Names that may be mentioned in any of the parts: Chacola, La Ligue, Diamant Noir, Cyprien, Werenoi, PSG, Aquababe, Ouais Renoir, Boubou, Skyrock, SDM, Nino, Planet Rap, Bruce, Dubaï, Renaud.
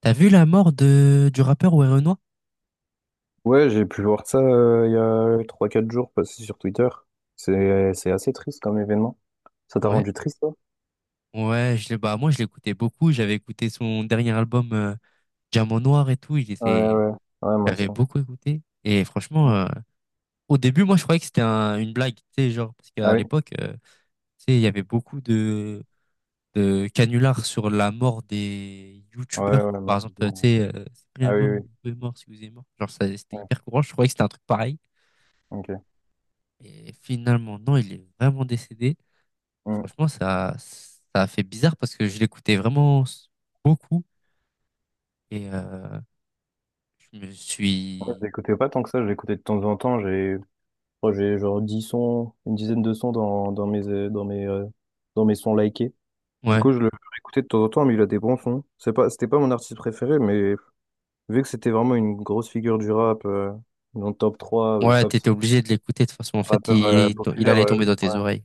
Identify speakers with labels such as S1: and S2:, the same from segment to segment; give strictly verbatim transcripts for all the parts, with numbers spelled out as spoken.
S1: T'as vu la mort de du rappeur Ouais Renoir?
S2: Ouais, j'ai pu voir ça euh, il y a trois, quatre jours passé sur Twitter. C'est c'est assez triste comme événement. Ça t'a
S1: Ouais.
S2: rendu triste, toi?
S1: Ouais, je l'ai bah moi je l'écoutais beaucoup, j'avais écouté son dernier album, euh, Diamant Noir et tout, il
S2: Ouais,
S1: était
S2: ouais, ouais, moi aussi.
S1: j'avais beaucoup écouté et franchement,
S2: Ouais.
S1: euh, au début moi je croyais que c'était un- une blague, tu sais, genre, parce
S2: Ah
S1: qu'à
S2: oui?
S1: l'époque, euh, tu sais, il y avait beaucoup de de canulars sur la mort des
S2: Ouais,
S1: youtubeurs
S2: ouais,
S1: par exemple, euh, tu
S2: malheureusement.
S1: sais, euh, Cyprien est
S2: Ah oui,
S1: mort,
S2: oui,
S1: Boubou est mort, si vous êtes mort. Genre, ça c'était
S2: ouais,
S1: hyper courant, je croyais que c'était un truc pareil.
S2: ok.
S1: Et finalement non, il est vraiment décédé. Et
S2: Mm.
S1: franchement, ça, ça a fait bizarre parce que je l'écoutais vraiment s- beaucoup et euh, je me
S2: Ouais, je
S1: suis...
S2: l'écoutais pas tant que ça, je l'écoutais de temps en temps. J'ai moi, j'ai genre dix sons, une dizaine de sons dans, dans mes, euh, dans mes, euh, dans mes sons likés. Du
S1: Ouais,
S2: coup, je le écoutais de temps en temps, mais il a des bons sons. C'est pas, c'était pas mon artiste préféré, mais vu que c'était vraiment une grosse figure du rap, euh, dans le top trois, euh,
S1: ouais,
S2: top
S1: t'étais obligé de l'écouter de toute façon. En fait,
S2: rappeur euh,
S1: il, il
S2: populaire.
S1: allait
S2: Euh,
S1: tomber dans tes
S2: ouais.
S1: oreilles.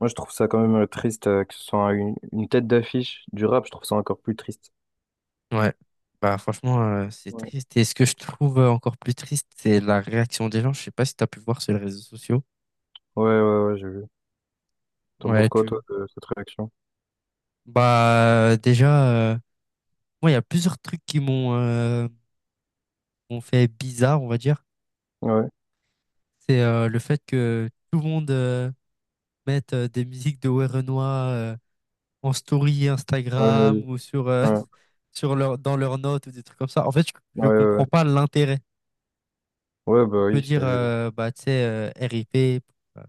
S2: Moi, je trouve ça quand même euh, triste euh, que ce soit une, une tête d'affiche du rap. Je trouve ça encore plus triste.
S1: Ouais. Bah, franchement, euh, c'est
S2: Ouais,
S1: triste. Et ce que je trouve, euh, encore plus triste, c'est la réaction des gens. Je sais pas si t'as pu voir sur les réseaux sociaux.
S2: ouais, ouais, ouais, j'ai vu. T'en
S1: Ouais,
S2: penses quoi,
S1: tu...
S2: toi, de cette réaction?
S1: Bah, euh, déjà, euh, moi, il y a plusieurs trucs qui m'ont euh, m'ont fait bizarre, on va dire.
S2: Ouais,
S1: C'est, euh, le fait que tout le monde... euh, mettre, euh, des musiques de Werenoi, euh, en story
S2: ouais,
S1: Instagram
S2: ouais,
S1: ou sur, euh,
S2: ouais,
S1: sur leur, dans leurs notes ou des trucs comme ça. En fait, je,
S2: ouais,
S1: je
S2: ouais.
S1: comprends pas l'intérêt.
S2: Ouais,
S1: On
S2: bah
S1: peut
S2: oui, c'est
S1: dire, euh, bah, tu sais, euh, R I P pour, euh,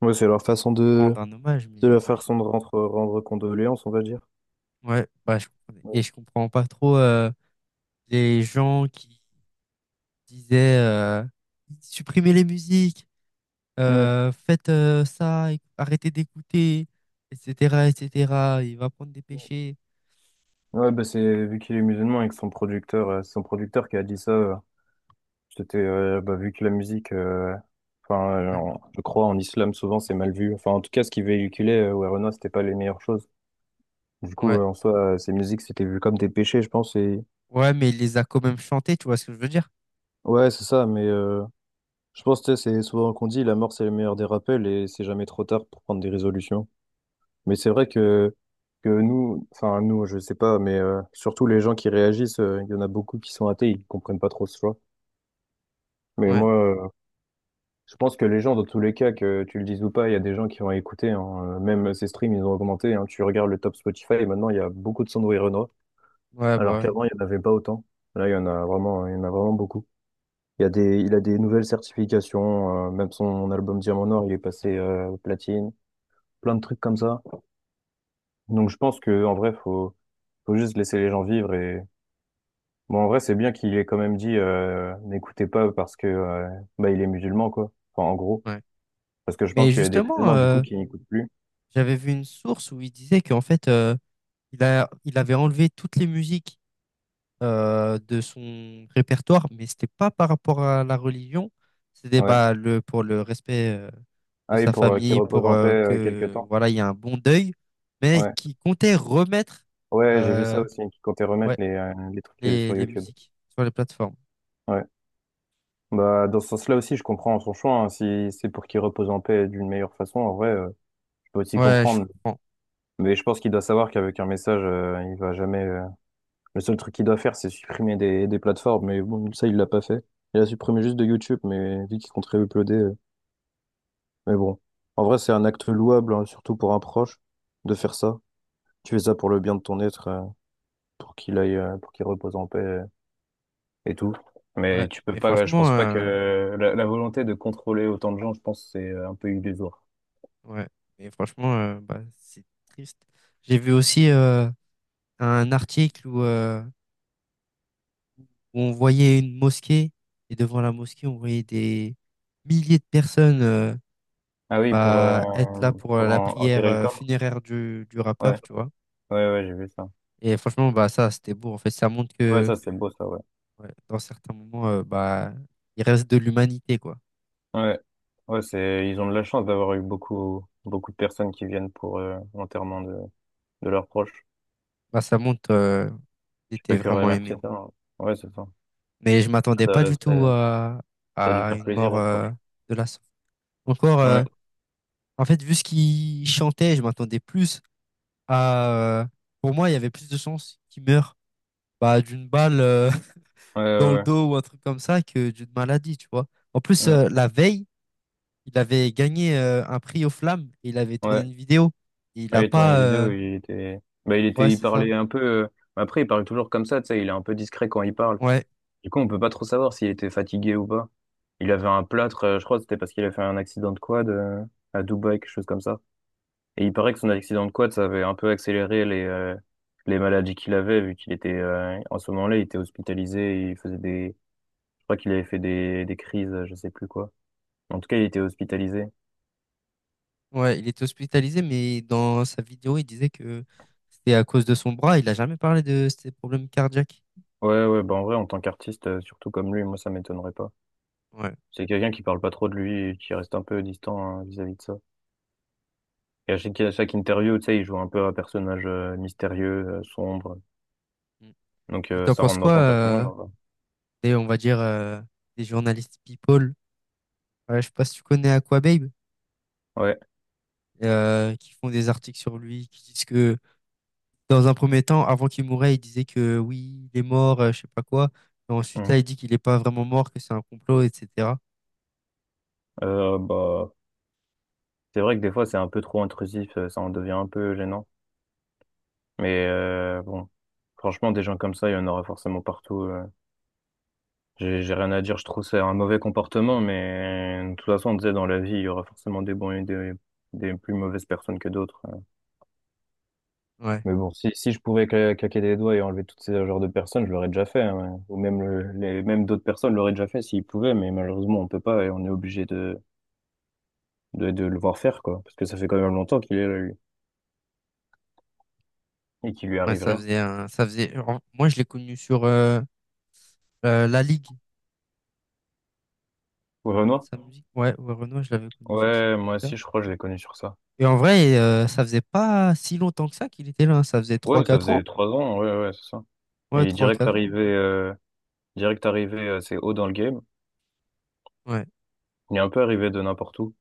S2: ouais, c'est leur façon
S1: pour
S2: de...
S1: rendre un hommage,
S2: C'est
S1: mais
S2: leur
S1: moi, je-
S2: façon de rendre, rendre condoléances, on va dire.
S1: ouais, bah, je comprenais. Et
S2: Ouais,
S1: je comprends pas trop, euh, les gens qui disaient, euh, supprimez les musiques,
S2: ouais,
S1: euh, faites, euh, ça, éc- arrêtez d'écouter, et cetera, et cetera. Il va prendre des péchés.
S2: ouais, bah c'est vu qu'il est musulman et que son producteur, euh, c'est son producteur qui a dit ça. euh, C'était euh, bah, vu que la musique, euh, enfin, euh,
S1: Ouais.
S2: en- je crois en islam souvent c'est mal vu. Enfin, en tout cas, ce qui véhiculait euh, Werona, c'était pas les meilleures choses. Du coup,
S1: Ouais.
S2: euh, en soi, euh, ces musiques c'était vu comme des péchés, je pense. Et
S1: Ouais, mais il les a quand même chantés, tu vois ce que je veux dire?
S2: ouais, c'est ça. Mais euh, je pense que c'est souvent qu'on dit la mort c'est le meilleur des rappels et c'est jamais trop tard pour prendre des résolutions. Mais c'est vrai que que nous, enfin nous, je sais pas, mais euh, surtout les gens qui réagissent, euh, il y en a beaucoup qui sont athées, ils comprennent pas trop ce choix. Mais
S1: Ouais,
S2: moi, euh, je pense que les gens, dans tous les cas, que tu le dises ou pas, il y a des gens qui vont écouter, hein. Euh, Même ces streams, ils ont augmenté, hein. Tu regardes le top Spotify et maintenant, il y a beaucoup de Sandro et Renaud,
S1: ouais, bah
S2: alors
S1: ouais.
S2: qu'avant, il n'y en avait pas autant. Là, il y en a vraiment, il y en a vraiment beaucoup. Il y a des, il a des nouvelles certifications. Euh, même son album Diamant Noir, il est passé euh, platine. Plein de trucs comme ça. Donc, je pense que en vrai, faut, faut juste laisser les gens vivre. Et bon, en vrai, c'est bien qu'il ait quand même dit euh, n'écoutez pas parce que euh, bah, il est musulman, quoi. Enfin, en gros,
S1: Ouais.
S2: parce que je
S1: Mais
S2: pense qu'il y a des
S1: justement,
S2: musulmans du coup
S1: euh,
S2: qui n'écoutent plus.
S1: j'avais vu une source où il disait qu'en fait, euh, il a, il avait enlevé toutes les musiques, euh, de son répertoire, mais c'était pas par rapport à la religion, c'était,
S2: Ouais.
S1: bah, le, pour le respect, euh, de
S2: Ah oui,
S1: sa
S2: pour euh, qu'ils
S1: famille,
S2: reposent
S1: pour,
S2: en paix
S1: euh,
S2: euh, quelques
S1: que
S2: temps.
S1: voilà, il y a un bon deuil, mais
S2: Ouais,
S1: qui comptait remettre,
S2: ouais, j'ai vu ça
S1: euh,
S2: aussi, qu'ils comptaient remettre
S1: ouais,
S2: les, euh, les trucs euh,
S1: les,
S2: sur
S1: les
S2: YouTube.
S1: musiques sur les plateformes.
S2: Ouais. Bah, dans ce sens-là aussi, je comprends son choix, hein. Si c'est pour qu'il repose en paix d'une meilleure façon, en vrai, euh, je peux aussi
S1: Ouais, je
S2: comprendre.
S1: comprends.
S2: Mais je pense qu'il doit savoir qu'avec un message, euh, il va jamais. euh, Le seul truc qu'il doit faire, c'est supprimer des, des plateformes. Mais bon, ça, il l'a pas fait. Il a supprimé juste de YouTube, mais vu qu'il compte uploader. euh, Mais bon, en vrai, c'est un acte louable, hein, surtout pour un proche, de faire ça. Tu fais ça pour le bien de ton être, euh, pour qu'il aille, euh, pour qu'il repose en paix euh, et tout. Mais
S1: Ouais,
S2: tu peux
S1: mais
S2: pas, je pense pas que
S1: franchement.
S2: la, la volonté de contrôler autant de gens, je pense, c'est euh, un peu illusoire.
S1: Ouais, mais franchement, euh, bah, c'est triste. J'ai vu aussi, euh, un article où, euh, où on voyait une mosquée, et devant la mosquée, on voyait des milliers de personnes, euh,
S2: Ah oui, pour, euh,
S1: bah, être là pour, euh,
S2: pour
S1: la
S2: en-
S1: prière,
S2: enterrer le
S1: euh,
S2: corps.
S1: funéraire du, du
S2: Ouais,
S1: rappeur, tu vois.
S2: ouais, ouais, j'ai vu ça.
S1: Et franchement, bah, ça, c'était beau. En fait, ça montre
S2: Ouais,
S1: que,
S2: ça, c'est beau, ça, ouais.
S1: ouais, dans certains moments, euh, bah, il reste de l'humanité, quoi.
S2: Ouais, ouais, c'est, ils ont de la chance d'avoir eu beaucoup, beaucoup de personnes qui viennent pour euh, l'enterrement de, de leurs proches.
S1: Bah, ça montre, euh, qu'il
S2: Tu
S1: était
S2: peux que
S1: vraiment
S2: remercier
S1: aimé.
S2: ça, hein. Ouais, c'est ça.
S1: Mais je m'attendais pas
S2: Ça,
S1: du tout
S2: ça.
S1: à,
S2: Ça a dû
S1: à
S2: faire
S1: une
S2: plaisir
S1: mort,
S2: aux
S1: euh,
S2: proches.
S1: de la sorte. Encore. euh,
S2: Ouais,
S1: En fait, vu ce qu'il chantait, je m'attendais plus à... euh, Pour moi, il y avait plus de chances qu'il meure, bah, d'une balle, euh,
S2: ouais, ouais,
S1: dans le
S2: ouais.
S1: dos ou un truc comme ça que d'une maladie, tu vois. En plus,
S2: Mm.
S1: euh, la veille, il avait gagné, euh, un prix aux flammes et il avait tourné
S2: Ouais.
S1: une vidéo. Et il a
S2: Ouais, il a tourné
S1: pas...
S2: une
S1: euh,
S2: vidéo, il était, bah, il était,
S1: Ouais,
S2: il
S1: c'est ça.
S2: parlait un peu. euh, Après, il parle toujours comme ça, tu sais, il est un peu discret quand il parle.
S1: Ouais,
S2: Du coup, on peut pas trop savoir s'il était fatigué ou pas. Il avait un plâtre, euh, je crois, que c'était parce qu'il a fait un accident de quad euh, à Dubaï, quelque chose comme ça. Et il paraît que son accident de quad, ça avait un peu accéléré les euh, les maladies qu'il avait, vu qu'il était euh, en ce moment-là, il était hospitalisé, il faisait des, je crois qu'il avait fait des des crises, euh, je sais plus quoi. En tout cas, il était hospitalisé.
S1: ouais, il était hospitalisé, mais dans sa vidéo, il disait que c'était à cause de son bras. Il a jamais parlé de ses problèmes cardiaques.
S2: Ouais, ouais, bah en vrai, en tant qu'artiste, euh, surtout comme lui, moi, ça m'étonnerait pas.
S1: Ouais.
S2: C'est quelqu'un qui parle pas trop de lui, et qui reste un peu distant hein, vis-à-vis de ça. Et à chaque, à chaque interview, tu sais, il joue un peu un personnage euh, mystérieux, euh, sombre.
S1: Mm.
S2: Donc
S1: Et
S2: euh,
S1: t'en
S2: ça
S1: penses
S2: rentre dans
S1: quoi,
S2: ton personnage.
S1: euh,
S2: En
S1: des- on va dire, euh, des journalistes people? Voilà, je sais pas si tu connais Aquababe,
S2: ouais.
S1: euh, qui font des articles sur lui, qui disent que, dans un premier temps, avant qu'il mourait, il disait que oui, il est mort, euh, je sais pas quoi. Et ensuite, là,
S2: Mhm.
S1: il dit qu'il est pas vraiment mort, que c'est un complot, et cetera.
S2: Euh, bah, c'est vrai que des fois, c'est un peu trop intrusif, euh, ça en devient un peu gênant. Mais euh, bon, franchement, des gens comme ça, il y en aura forcément partout. euh. J'ai j'ai rien à dire, je trouve que c'est un mauvais comportement, mais de toute façon, on disait dans la vie, il y aura forcément des bons et des, des plus mauvaises personnes que d'autres, hein.
S1: Ouais,
S2: Mais bon, si, si je pouvais cla- claquer des doigts et enlever toutes ces genres de personnes, je l'aurais déjà fait, hein, ouais. Ou même, le- les, même d'autres personnes l'auraient déjà fait s'ils pouvaient, mais malheureusement, on peut pas et on est obligé de, de, de le voir faire, quoi. Parce que ça fait quand même longtemps qu'il est là, lui, et qu'il lui
S1: ouais,
S2: arrive
S1: ça
S2: rien.
S1: faisait un, ça faisait. En- Moi, je l'ai connu sur euh, euh, La Ligue,
S2: Au Renoir?
S1: sa musique. Ouais, ouais, Renoir, je l'avais connu sur cette
S2: Ouais, moi
S1: musique-là.
S2: aussi, je crois que je l'ai connu sur ça.
S1: Et en vrai, euh, ça faisait pas si longtemps que ça qu'il était là, hein. Ça faisait trois
S2: Ouais, ça
S1: quatre
S2: faisait
S1: ans.
S2: trois ans, ouais, ouais, c'est ça. Il
S1: Ouais,
S2: est
S1: trois
S2: direct
S1: quatre ans.
S2: arrivé, euh, direct arrivé assez haut dans le game.
S1: Ouais.
S2: Il est un peu arrivé de n'importe où.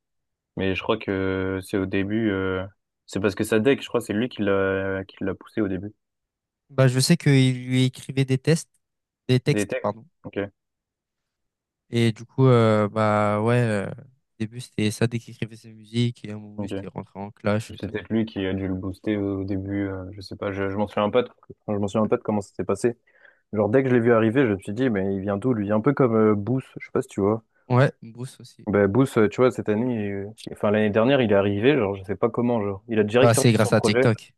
S2: Mais je crois que c'est au début, euh, c'est parce que sa deck, je crois, c'est lui qui l'a, qui l'a poussé au début.
S1: Bah, je sais qu'il lui écrivait des tests, des
S2: Des
S1: textes,
S2: techs?
S1: pardon.
S2: Ok,
S1: Et du coup, euh, bah ouais, euh, au début c'était ça dès qu'il écrivait ses musiques, et à un moment il
S2: ok.
S1: s'était rentré en clash et
S2: C'est
S1: tout.
S2: peut-être lui qui a dû le booster au, au début, euh, je sais pas, je, je m'en souviens pas de, enfin, je m'en souviens pas de comment ça s'est passé. Genre, dès que je l'ai vu arriver, je me suis dit, mais il vient d'où, lui? Un peu comme euh, Booth, je sais pas si tu vois.
S1: Ouais, Bruce aussi.
S2: Ben, Booth, euh, tu vois, cette année, euh, enfin, l'année dernière, il est arrivé, genre, je sais pas comment, genre. Il a
S1: Bah,
S2: direct
S1: c'est
S2: sorti son
S1: grâce à
S2: projet.
S1: TikTok.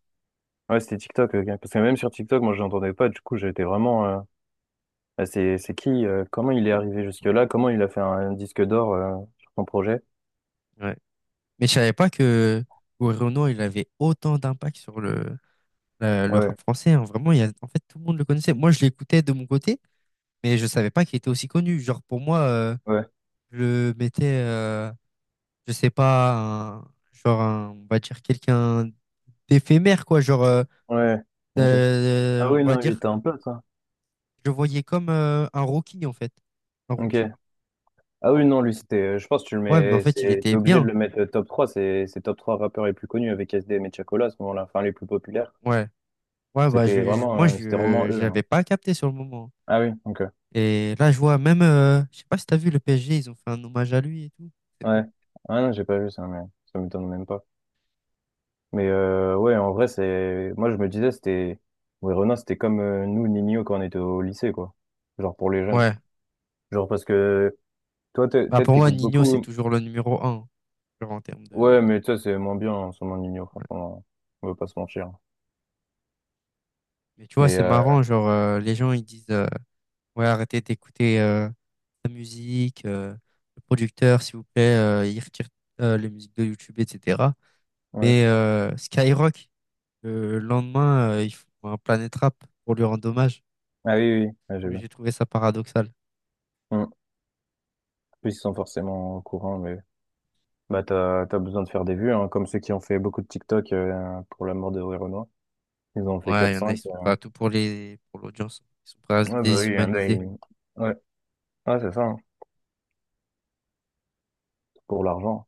S2: Ouais, c'était TikTok, euh, parce que même sur TikTok, moi, je l'entendais pas, du coup, j'étais vraiment, euh, ah, c'est, c'est qui, euh, comment il est arrivé jusque-là, comment il a fait un, un disque d'or, euh, sur son projet.
S1: Ouais. Mais je savais pas que Renaud il avait autant d'impact sur le, le, le
S2: Ouais,
S1: rap français, hein. Vraiment, il y a, en fait, tout le monde le connaissait. Moi, je l'écoutais de mon côté, mais je savais pas qu'il était aussi connu. Genre, pour moi, euh,
S2: ouais,
S1: je le mettais, euh, je sais pas, un- genre, un- on va dire quelqu'un d'éphémère, quoi. Genre, euh,
S2: ouais, ok.
S1: euh,
S2: Ah
S1: on
S2: oui,
S1: va
S2: non, il
S1: dire.
S2: était un pote, hein.
S1: Je le voyais comme, euh, un rookie, en fait. Un rookie.
S2: Ok. Ah oui, non, lui, c'était. euh, Je pense que tu le
S1: Ouais, mais en
S2: mets.
S1: fait, il
S2: c'est- T'es
S1: était
S2: obligé de
S1: bien.
S2: le mettre euh, top trois. C'est c'est top trois rappeurs les plus connus avec S D M et Chacola à ce moment-là. Enfin, les plus populaires.
S1: Ouais. Ouais, bah,
S2: C'était
S1: je, je-
S2: vraiment,
S1: moi,
S2: euh, c'était vraiment
S1: je je
S2: eux, hein.
S1: l'avais pas capté sur le moment.
S2: Ah oui, ok.
S1: Et là, je vois même, euh, je sais pas si t'as vu le P S G, ils ont fait un hommage à lui et tout. C'est
S2: Ouais.
S1: beau.
S2: Ah non, j'ai pas vu ça, mais ça m'étonne même pas. Mais euh, ouais, en vrai, c'est. Moi, je me disais, c'était. Ouais, Renan, c'était comme euh, nous, Nino, quand on était au lycée, quoi. Genre pour les jeunes.
S1: Ouais.
S2: Genre parce que toi, t'es-
S1: Bah,
S2: peut-être
S1: pour moi,
S2: t'écoutes
S1: Nino c'est
S2: beaucoup.
S1: toujours le numéro un, hein. Genre, en termes
S2: Ouais,
S1: de.
S2: mais toi, c'est moins bien en ce moment, Nino,
S1: Ouais.
S2: franchement. On va pas se mentir.
S1: Mais tu vois,
S2: Mais
S1: c'est
S2: euh,
S1: marrant, genre, euh, les gens, ils disent, euh, ouais, arrêtez d'écouter, euh, la musique, euh, le producteur, s'il vous plaît, euh, il retire, euh, les musiques de YouTube, et cetera.
S2: ouais.
S1: Mais, euh, Skyrock, le lendemain, euh, ils font un Planet Rap pour lui rendre hommage.
S2: Ah oui, oui, oui. Ouais, j'ai vu.
S1: Oui, j'ai trouvé ça paradoxal.
S2: Mm. En plus ils sont forcément au courant, mais bah t'as t'as besoin de faire des vues, hein, comme ceux qui ont fait beaucoup de TikTok euh, pour la mort de Renoir. Ils en ont fait
S1: Ouais,
S2: quatre
S1: il y en a, ils
S2: cinq.
S1: sont prêts à tout pour les, pour l'audience. Ils sont prêts à se
S2: Ouais, bah oui, il y en a,
S1: déshumaniser.
S2: ils- ouais, ouais, c'est ça, hein, pour l'argent.